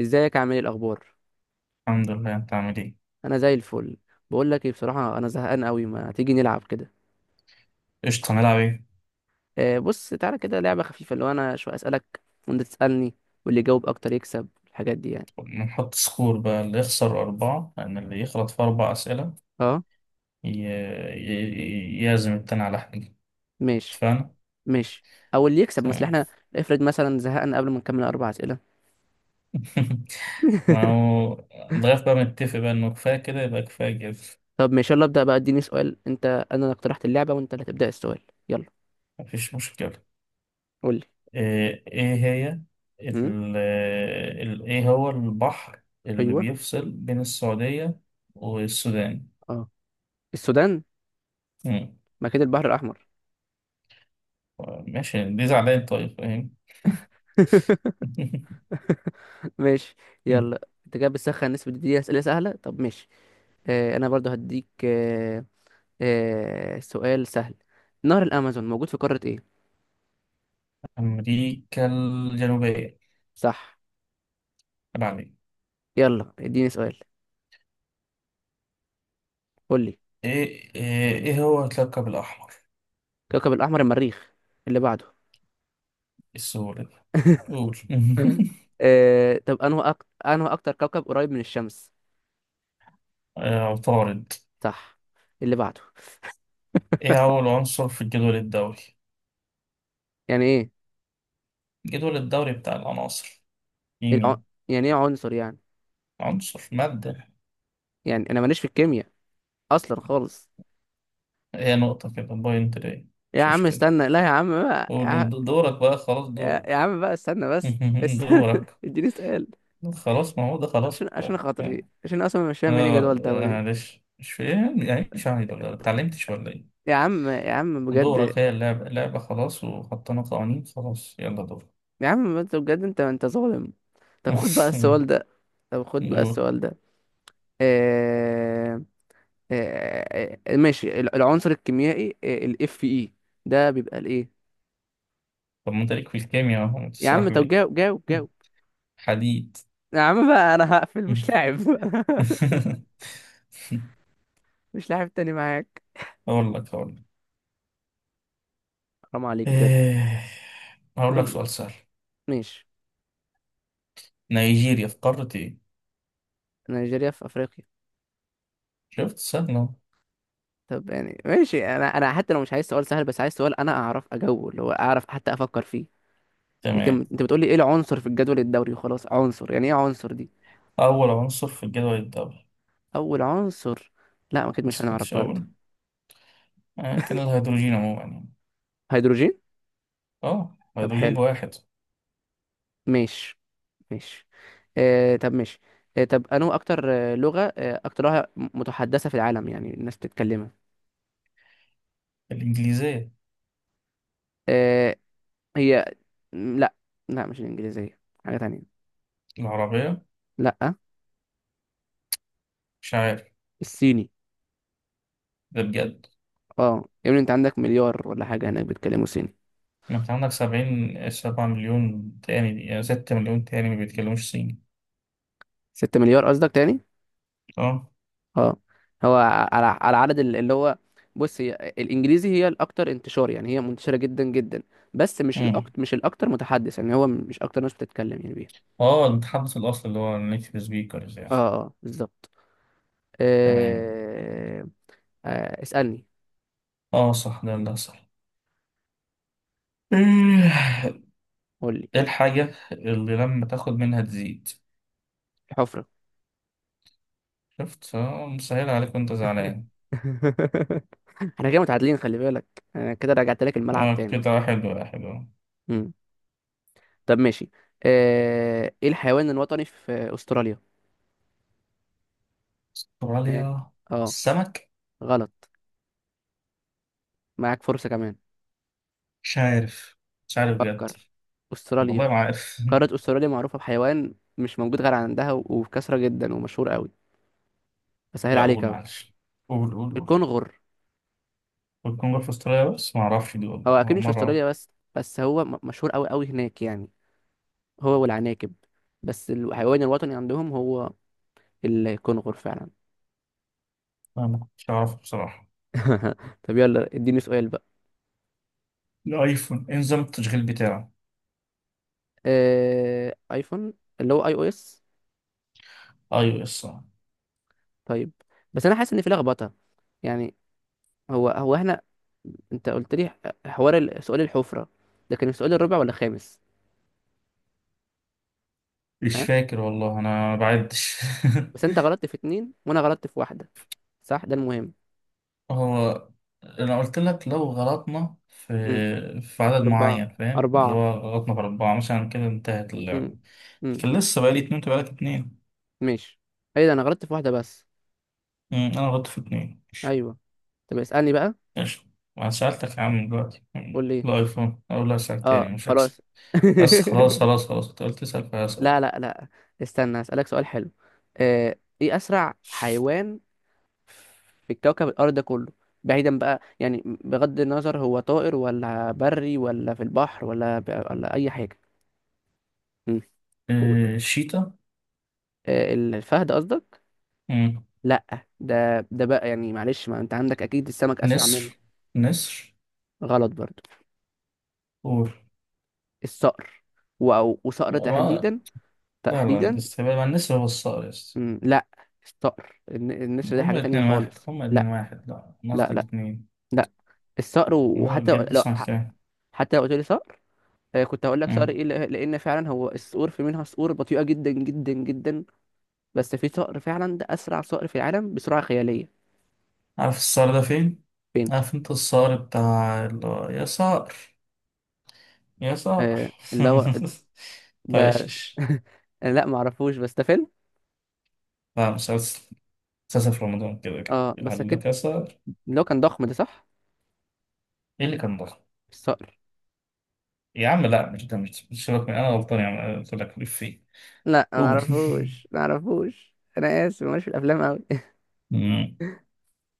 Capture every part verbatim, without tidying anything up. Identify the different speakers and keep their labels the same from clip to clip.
Speaker 1: ازيك، عامل ايه، الاخبار؟
Speaker 2: الحمد لله، انت عامل ايه؟
Speaker 1: انا زي الفل. بقول لك ايه، بصراحه انا زهقان قوي، ما تيجي نلعب كده؟
Speaker 2: قشطة، هنلعب ايه؟
Speaker 1: آه، بص تعالى كده، لعبه خفيفه، اللي هو انا شويه اسالك، وانت تسالني، واللي يجاوب اكتر يكسب، الحاجات دي يعني.
Speaker 2: نحط سكور بقى، اللي يخسر أربعة، لأن اللي يغلط في أربع أسئلة
Speaker 1: اه.
Speaker 2: ي... ي... يعزم التاني على حاجة.
Speaker 1: ماشي،
Speaker 2: اتفقنا؟
Speaker 1: ماشي. او اللي يكسب مثلا
Speaker 2: تمام.
Speaker 1: احنا، افرض مثلا زهقنا قبل ما نكمل اربع اسئله.
Speaker 2: ما هو لغاية بقى متفق بقى إنه كفاية كده يبقى كفايه كده.
Speaker 1: طب ماشي، يلا ابدا بقى، اديني سؤال. انت، انا اللي اقترحت اللعبه، وانت اللي تبدا السؤال. يلا.
Speaker 2: مفيش مشكلة.
Speaker 1: قول لي.
Speaker 2: ايه إيه هي
Speaker 1: هم؟
Speaker 2: ال... ال... ايه هو البحر اللي
Speaker 1: ايوه.
Speaker 2: بيفصل بين السعودية والسودان؟
Speaker 1: اه. السودان.
Speaker 2: مم.
Speaker 1: ما كده البحر الاحمر.
Speaker 2: ماشي، دي زعلان طيب فاهم.
Speaker 1: ماشي. يلا، انت كده بتسخن، نسبة دي أسئلة سهلة، طب ماشي. آه، انا برضو هديك. آه آه، سؤال سهل. نهر الأمازون موجود في قارة ايه؟
Speaker 2: أمريكا الجنوبية.
Speaker 1: صح.
Speaker 2: تبع مين؟
Speaker 1: يلا، اديني سؤال. قول لي.
Speaker 2: إيه إيه إيه هو الكوكب الأحمر؟
Speaker 1: كوكب الأحمر المريخ. اللي بعده.
Speaker 2: السهولة دي. قول.
Speaker 1: آه، طب انه أك... انه اكتر كوكب قريب من الشمس؟
Speaker 2: آه، عطارد.
Speaker 1: صح. اللي بعده.
Speaker 2: إيه أول عنصر في الجدول الدوري؟
Speaker 1: يعني ايه
Speaker 2: الجدول الدوري بتاع العناصر،
Speaker 1: الع...
Speaker 2: كيمياء.
Speaker 1: يعني ايه عنصر يعني؟
Speaker 2: عنصر، مادة.
Speaker 1: يعني انا ماليش في الكيمياء اصلا خالص.
Speaker 2: هي نقطة كده بوينت ليه.
Speaker 1: يا
Speaker 2: مش
Speaker 1: عم
Speaker 2: مشكلة.
Speaker 1: استنى، لا يا عم بقى.
Speaker 2: قول قول، د- دورك بقى، خلاص
Speaker 1: يا, يا
Speaker 2: دورك.
Speaker 1: عم بقى، استنى بس استنى.
Speaker 2: دورك.
Speaker 1: اديني سؤال.
Speaker 2: خلاص، ما هو ده
Speaker 1: عشان
Speaker 2: خلاص.
Speaker 1: عشان خاطري،
Speaker 2: يعني،
Speaker 1: عشان اصلا مش فاهم يعني إيه
Speaker 2: آه.
Speaker 1: جدول
Speaker 2: آه،
Speaker 1: دوري.
Speaker 2: معلش مش فاهم يعني، مش عارف ولا اتعلمتش ولا إيه؟
Speaker 1: يا عم، يا عم، بجد.
Speaker 2: دورك، هي اللعبة، اللعبة خلاص وحطينا قوانين، خلاص يلا دورك.
Speaker 1: يا عم انت بجد، انت انت ظالم. طب خد بقى السؤال ده. طب خد بقى
Speaker 2: و-
Speaker 1: السؤال ده. آه... آه... آه... آه، ماشي الع- العنصر الكيميائي الاف اي، ده بيبقى الايه؟
Speaker 2: طب ما انت ليك في الكيمياء اهو،
Speaker 1: يا عم
Speaker 2: تسرح
Speaker 1: طب
Speaker 2: ليه.
Speaker 1: جاوب جاوب جاوب.
Speaker 2: حديد.
Speaker 1: يا عم بقى، انا هقفل، مش لاعب. مش لاعب تاني معاك.
Speaker 2: اقول لك اقول لك
Speaker 1: حرام عليك بجد.
Speaker 2: إيه، هقول
Speaker 1: قول
Speaker 2: لك
Speaker 1: لي.
Speaker 2: سؤال سهل.
Speaker 1: ماشي.
Speaker 2: نيجيريا في قارة ايه؟
Speaker 1: نيجيريا في افريقيا.
Speaker 2: شفت سهل أهو.
Speaker 1: طب يعني ماشي، انا انا حتى لو مش عايز سؤال سهل، بس عايز سؤال انا اعرف اجاوبه، اللي هو اعرف، حتى افكر فيه.
Speaker 2: تمام.
Speaker 1: لكن انت بتقولي ايه العنصر في الجدول الدوري وخلاص، عنصر يعني ايه، عنصر دي؟
Speaker 2: أول عنصر في الجدول الدوري.
Speaker 1: اول عنصر. لا، اكيد
Speaker 2: ما
Speaker 1: مش هنعرف
Speaker 2: سمعتش
Speaker 1: برضه.
Speaker 2: أول. آه، كان الهيدروجين عموما يعني.
Speaker 1: هيدروجين.
Speaker 2: اه،
Speaker 1: طب
Speaker 2: هيدروجين
Speaker 1: حلو.
Speaker 2: بواحد.
Speaker 1: ماشي. ماشي. آه طب ماشي. آه، طب انو اكتر آه، لغة آه اكتر لغة متحدثة في العالم، يعني الناس بتتكلمها؟
Speaker 2: الإنجليزية.
Speaker 1: آه. هي. م، لا. لا، مش الانجليزية. حاجة تانية.
Speaker 2: العربية.
Speaker 1: لا،
Speaker 2: مش عارف.
Speaker 1: الصيني.
Speaker 2: ده بجد؟
Speaker 1: اه، يعني انت عندك مليار ولا حاجة هناك بيتكلموا صيني.
Speaker 2: ما انت عندك سبعين سبعة مليون تاني يعني، ستة مليون تاني ما بيتكلموش صيني.
Speaker 1: ستة مليار قصدك تاني.
Speaker 2: اه.
Speaker 1: اه. هو. على على عدد ال- اللي هو. بص، هي الانجليزي هي الاكتر انتشار، يعني هي منتشره جدا جدا. بس مش
Speaker 2: امم.
Speaker 1: الاكتر، مش الاكتر متحدث، يعني هو مش اكتر ناس بتتكلم يعني بيها.
Speaker 2: اه. المتحدث الأصلي اللي هو النيتيف سبيكرز
Speaker 1: اه.
Speaker 2: يعني.
Speaker 1: اه بالظبط.
Speaker 2: تمام.
Speaker 1: آه... آه... اسالني.
Speaker 2: اه صح، ده اللي صح.
Speaker 1: قول لي.
Speaker 2: ايه الحاجة اللي لما تاخد منها تزيد؟
Speaker 1: الحفره.
Speaker 2: شفت، اه مسهل عليك وانت زعلان.
Speaker 1: احنا كده متعادلين، خلي بالك. انا كده رجعت لك الملعب
Speaker 2: اه
Speaker 1: تاني.
Speaker 2: كده حلو يا حلو.
Speaker 1: مم. طب ماشي. آه... ايه الحيوان الوطني في استراليا؟ اه.
Speaker 2: استراليا.
Speaker 1: آه،
Speaker 2: السمك.
Speaker 1: غلط. معاك فرصه كمان.
Speaker 2: مش عارف، مش عارف بجد.
Speaker 1: فكر. استراليا.
Speaker 2: والله ما عارف.
Speaker 1: قارة استراليا معروفة بحيوان مش موجود غير عندها و- وبكثرة جدا ومشهور قوي. بسهل
Speaker 2: لا
Speaker 1: عليك
Speaker 2: قول
Speaker 1: اهو.
Speaker 2: معلش. قول قول قول.
Speaker 1: الكونغر.
Speaker 2: والجمهورية في استراليا، بس ما اعرفش دي
Speaker 1: هو
Speaker 2: والله
Speaker 1: اكيد مش في
Speaker 2: مرة.
Speaker 1: استراليا بس. بس هو م- مشهور قوي قوي هناك يعني. هو والعناكب. بس الحيوان الوطني عندهم هو الكونغر فعلا.
Speaker 2: أنا ما كنتش أعرفه بصراحة.
Speaker 1: طب يلا اديني سؤال بقى.
Speaker 2: الأيفون إيه نظام التشغيل بتاعه؟
Speaker 1: آه... ايفون، اللي هو اي او اس.
Speaker 2: أي أو إس آه.
Speaker 1: طيب. بس انا حاسس ان في لخبطة، يعني. هو هو احنا، انت قلت لي ح- حوار ال- سؤال الحفرة، ده كان في سؤال الرابع ولا الخامس؟
Speaker 2: مش
Speaker 1: ها.
Speaker 2: فاكر والله، أنا بعدش.
Speaker 1: بس انت غلطت في اتنين وانا غلطت في واحدة، صح ده المهم.
Speaker 2: هو، أنا قلت لك لو غلطنا في
Speaker 1: امم.
Speaker 2: في عدد
Speaker 1: أربعة.
Speaker 2: معين فاهم، اللي
Speaker 1: أربعة.
Speaker 2: هو غلطنا في أربعة مثلا كده انتهت
Speaker 1: امم.
Speaker 2: اللعبة.
Speaker 1: امم.
Speaker 2: لكن لسه بقالي اتنين، أنت بقالك اتنين.
Speaker 1: ماشي. ايه ده، انا غلطت في واحدة بس.
Speaker 2: أمم، أنا غلطت في اتنين ماشي.
Speaker 1: ايوه. طب اسألني بقى.
Speaker 2: ماشي، وأنا سألتك يا عم دلوقتي،
Speaker 1: قول
Speaker 2: أمم،
Speaker 1: لي.
Speaker 2: الأيفون. أقول لا أسألك
Speaker 1: اه
Speaker 2: تاني مش هكسب.
Speaker 1: خلاص.
Speaker 2: بس خلاص خلاص خلاص، أنت قلت تسأل فهسأل.
Speaker 1: لا، لا، لا. استنى، اسألك سؤال حلو. آه، ايه اسرع حيوان في كوكب الارض ده كله؟ بعيدا بقى، يعني بغض النظر هو طائر ولا بري ولا في البحر، ولا ب... ولا اي حاجة. امم. قول.
Speaker 2: آه، شيتا.
Speaker 1: آه، الفهد قصدك؟
Speaker 2: أمم،
Speaker 1: لا، ده ده بقى يعني معلش، ما انت عندك اكيد السمك اسرع
Speaker 2: نسر.
Speaker 1: منه.
Speaker 2: نسر.
Speaker 1: غلط برضو.
Speaker 2: قول.
Speaker 1: الصقر، و- أو وصقر
Speaker 2: ما
Speaker 1: تحديدا،
Speaker 2: لا لا،
Speaker 1: تحديدا.
Speaker 2: الاستقبال مع النسر هو الصقر يا اسطى.
Speaker 1: مم، لا. الصقر، الن- النسر ده حاجة
Speaker 2: هما
Speaker 1: تانية
Speaker 2: اتنين واحد،
Speaker 1: خالص،
Speaker 2: هما اتنين
Speaker 1: لا.
Speaker 2: واحد، لا أنا قصدي
Speaker 1: لا. لا.
Speaker 2: الاتنين.
Speaker 1: لا. الصقر، و-
Speaker 2: لا
Speaker 1: وحتى لو
Speaker 2: بجد
Speaker 1: لو-
Speaker 2: اسمع
Speaker 1: ح-
Speaker 2: الكلام.
Speaker 1: حتى لو قلت لي صقر. آه، كنت هقول لك صقر
Speaker 2: مم.
Speaker 1: ايه، لأ- لان فعلا هو الصقور في منها صقور بطيئة جدا جدا جدا. بس في صقر فعلا، ده اسرع صقر في العالم بسرعة خيالية.
Speaker 2: عارف الصقر ده فين؟
Speaker 1: فين؟
Speaker 2: عارف انت الصقر بتاع اللي هو يا صقر، يا صقر.
Speaker 1: آه، اللي هو،
Speaker 2: بتاع ايش
Speaker 1: ده.
Speaker 2: إيش؟
Speaker 1: لا، معرفوش بس ده فيلم.
Speaker 2: لا مسلسل مسلسل في رمضان كده
Speaker 1: اه
Speaker 2: كده،
Speaker 1: بس
Speaker 2: قال
Speaker 1: اكيد،
Speaker 2: لك يا صقر.
Speaker 1: اللي هو كان ضخم ده، صح؟
Speaker 2: ايه اللي كان ضخم؟
Speaker 1: الصقر.
Speaker 2: يا عم لا مش ده، مش مش سيبك من، انا غلطان يا عم، قلت لك ليه فين.
Speaker 1: لا، ما
Speaker 2: قول.
Speaker 1: اعرفوش ما اعرفوش انا اسف ماليش في الافلام قوي.
Speaker 2: مم.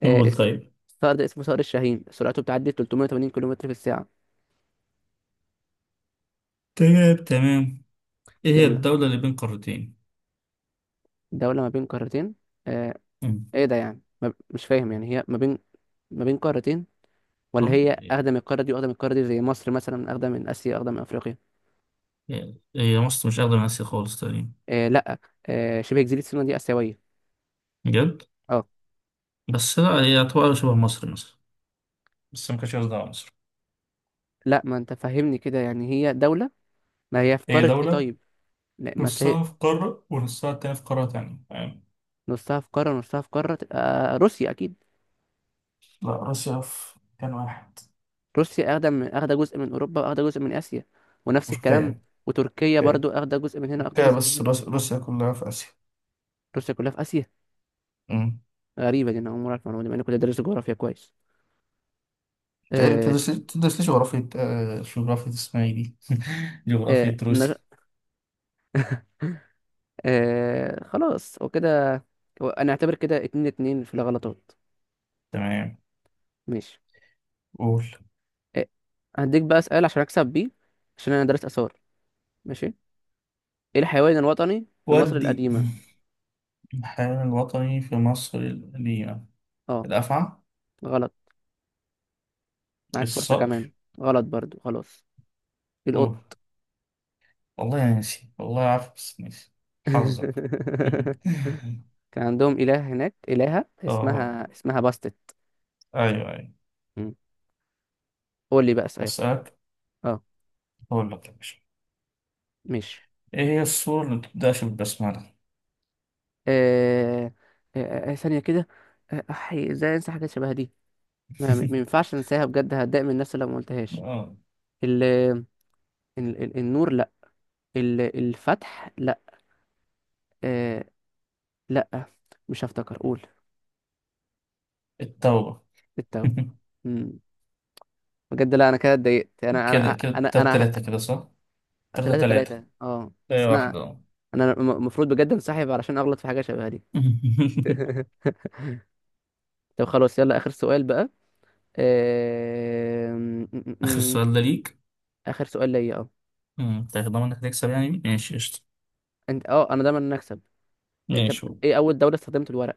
Speaker 1: آه
Speaker 2: قول
Speaker 1: الس-
Speaker 2: طيب.
Speaker 1: الصقر ده اسمه صقر الشاهين، سرعته بتعدي ثلاثمية وتمانين كيلومتر في الساعة.
Speaker 2: تمام تمام. ايه هي
Speaker 1: يلا.
Speaker 2: الدولة اللي بين قارتين؟
Speaker 1: دولة ما بين قارتين. آه.
Speaker 2: مم.
Speaker 1: ايه ده يعني ما ب... مش فاهم يعني، هي ما بين، ما بين قارتين، ولا
Speaker 2: اه
Speaker 1: هي
Speaker 2: إيه-
Speaker 1: اخدة من القارة دي واخدة من القارة دي، زي مصر مثلا اخدة من اسيا اخدة من افريقيا.
Speaker 2: إيه- هي مصر مش أقدم من آسيا خالص تقريبا.
Speaker 1: آه لا. آه، شبه جزيرة سيناء دي اسيوية.
Speaker 2: بجد.
Speaker 1: اه.
Speaker 2: بس لا هي يعتبر شبه مصر مثلا. بس ما كانش قصدها على مصر.
Speaker 1: لا، ما انت فهمني كده يعني، هي دولة. ما هي في
Speaker 2: هي
Speaker 1: قارة ايه
Speaker 2: دولة
Speaker 1: طيب؟ لا، ما اصل هي
Speaker 2: نصها في قارة ونصها التاني في قارة تانية فاهم.
Speaker 1: نصها في قارة ونصها في قارة تبقى روسيا أكيد.
Speaker 2: لا روسيا في مكان واحد.
Speaker 1: روسيا أخدة من أخدة جزء من أوروبا، وأخدة جزء من آسيا، ونفس الكلام.
Speaker 2: تركيا.
Speaker 1: وتركيا
Speaker 2: تركيا
Speaker 1: برضو أخدة جزء من هنا أخدة
Speaker 2: تركيا،
Speaker 1: جزء من
Speaker 2: بس
Speaker 1: هنا.
Speaker 2: روس- روسيا كلها في آسيا.
Speaker 1: روسيا كلها في آسيا.
Speaker 2: امم
Speaker 1: غريبة دي، أنا أول مرة أعرف المعلومة دي، مع إني كنت دارس جغرافيا كويس.
Speaker 2: تقريبا
Speaker 1: آه.
Speaker 2: تدرس لي تدرس لي جغرافية، آه جغرافية اسمها ايه دي؟
Speaker 1: آه
Speaker 2: جغرافية
Speaker 1: نج...
Speaker 2: روسيا.
Speaker 1: آه خلاص وكده. هو أنا أعتبر كده اتنين، اتنين في الغلطات.
Speaker 2: تمام.
Speaker 1: ماشي.
Speaker 2: قول.
Speaker 1: آه، هديك بقى سؤال عشان أكسب بيه، عشان أنا دارس آثار. ماشي. إيه الحيوان الوطني في مصر
Speaker 2: ودي.
Speaker 1: القديمة؟
Speaker 2: الحيوان الوطني في مصر القديمة.
Speaker 1: أه.
Speaker 2: الأفعى.
Speaker 1: غلط. معاك فرصة
Speaker 2: الصقر.
Speaker 1: كمان. غلط برضو، خلاص. القط.
Speaker 2: أوه. والله يا ناسي، والله عارف بس ناسي. حظك.
Speaker 1: كان عندهم إله هناك إلهة،
Speaker 2: آه،
Speaker 1: اسمها اسمها باستت.
Speaker 2: أيوه أيوه.
Speaker 1: مم. قول لي بقى سؤال.
Speaker 2: أسألك.
Speaker 1: اه.
Speaker 2: أقول لك يا باشا.
Speaker 1: ماشي.
Speaker 2: إيه هي السورة اللي بتبدأش بالبسملة؟
Speaker 1: آه... آه... آه، آه، ثانية كده. آه، أحي، ازاي انسى حاجات شبه دي. ما ما ينفعش انساها، بجد هتضايق من نفسي لو ما قلتهاش.
Speaker 2: آه.
Speaker 1: ال... ال... ال- النور، لا. ال... الفتح، لا. آه... لا، مش هفتكر، قول.
Speaker 2: التوبة.
Speaker 1: التوبة. مم. بجد لا، انا كده اتضايقت، انا انا
Speaker 2: كده كده
Speaker 1: انا
Speaker 2: تلاتة
Speaker 1: انا
Speaker 2: تلاتة كده صح؟ تلاتة
Speaker 1: ثلاثة،
Speaker 2: تلاتة.
Speaker 1: ثلاثة، اه
Speaker 2: أي
Speaker 1: بس انا،
Speaker 2: واحدة أهو.
Speaker 1: انا المفروض بجد انسحب علشان اغلط في حاجة شبه دي. طب خلاص، يلا اخر سؤال بقى. آم، م- م-
Speaker 2: آخر
Speaker 1: م.
Speaker 2: سؤال ده ليك.
Speaker 1: اخر سؤال ليا، اه.
Speaker 2: أمم، تاخد ضمانك تكسب يعني، ماشي قشطة.
Speaker 1: انت، اه انا دايما نكسب. طب
Speaker 2: ماشي هو.
Speaker 1: ايه اول دولة استخدمت الورق؟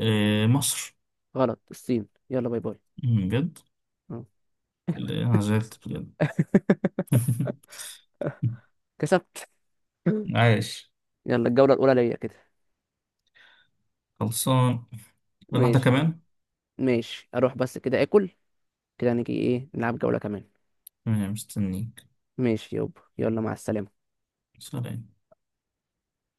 Speaker 2: إيه مصر.
Speaker 1: غلط، الصين، يلا باي باي.
Speaker 2: أمم، بجد.
Speaker 1: اه.
Speaker 2: لا، أنا زعلت بجد.
Speaker 1: كسبت.
Speaker 2: عايش.
Speaker 1: يلا، الجولة الأولى ليا كده.
Speaker 2: خلصان. ولا واحدة
Speaker 1: ماشي.
Speaker 2: كمان.
Speaker 1: ماشي، أروح بس كده آكل. كده نيجي إيه، نلعب جولة كمان؟
Speaker 2: تمام مستنيك.
Speaker 1: ماشي يابا، يلا مع السلامة.
Speaker 2: سلام.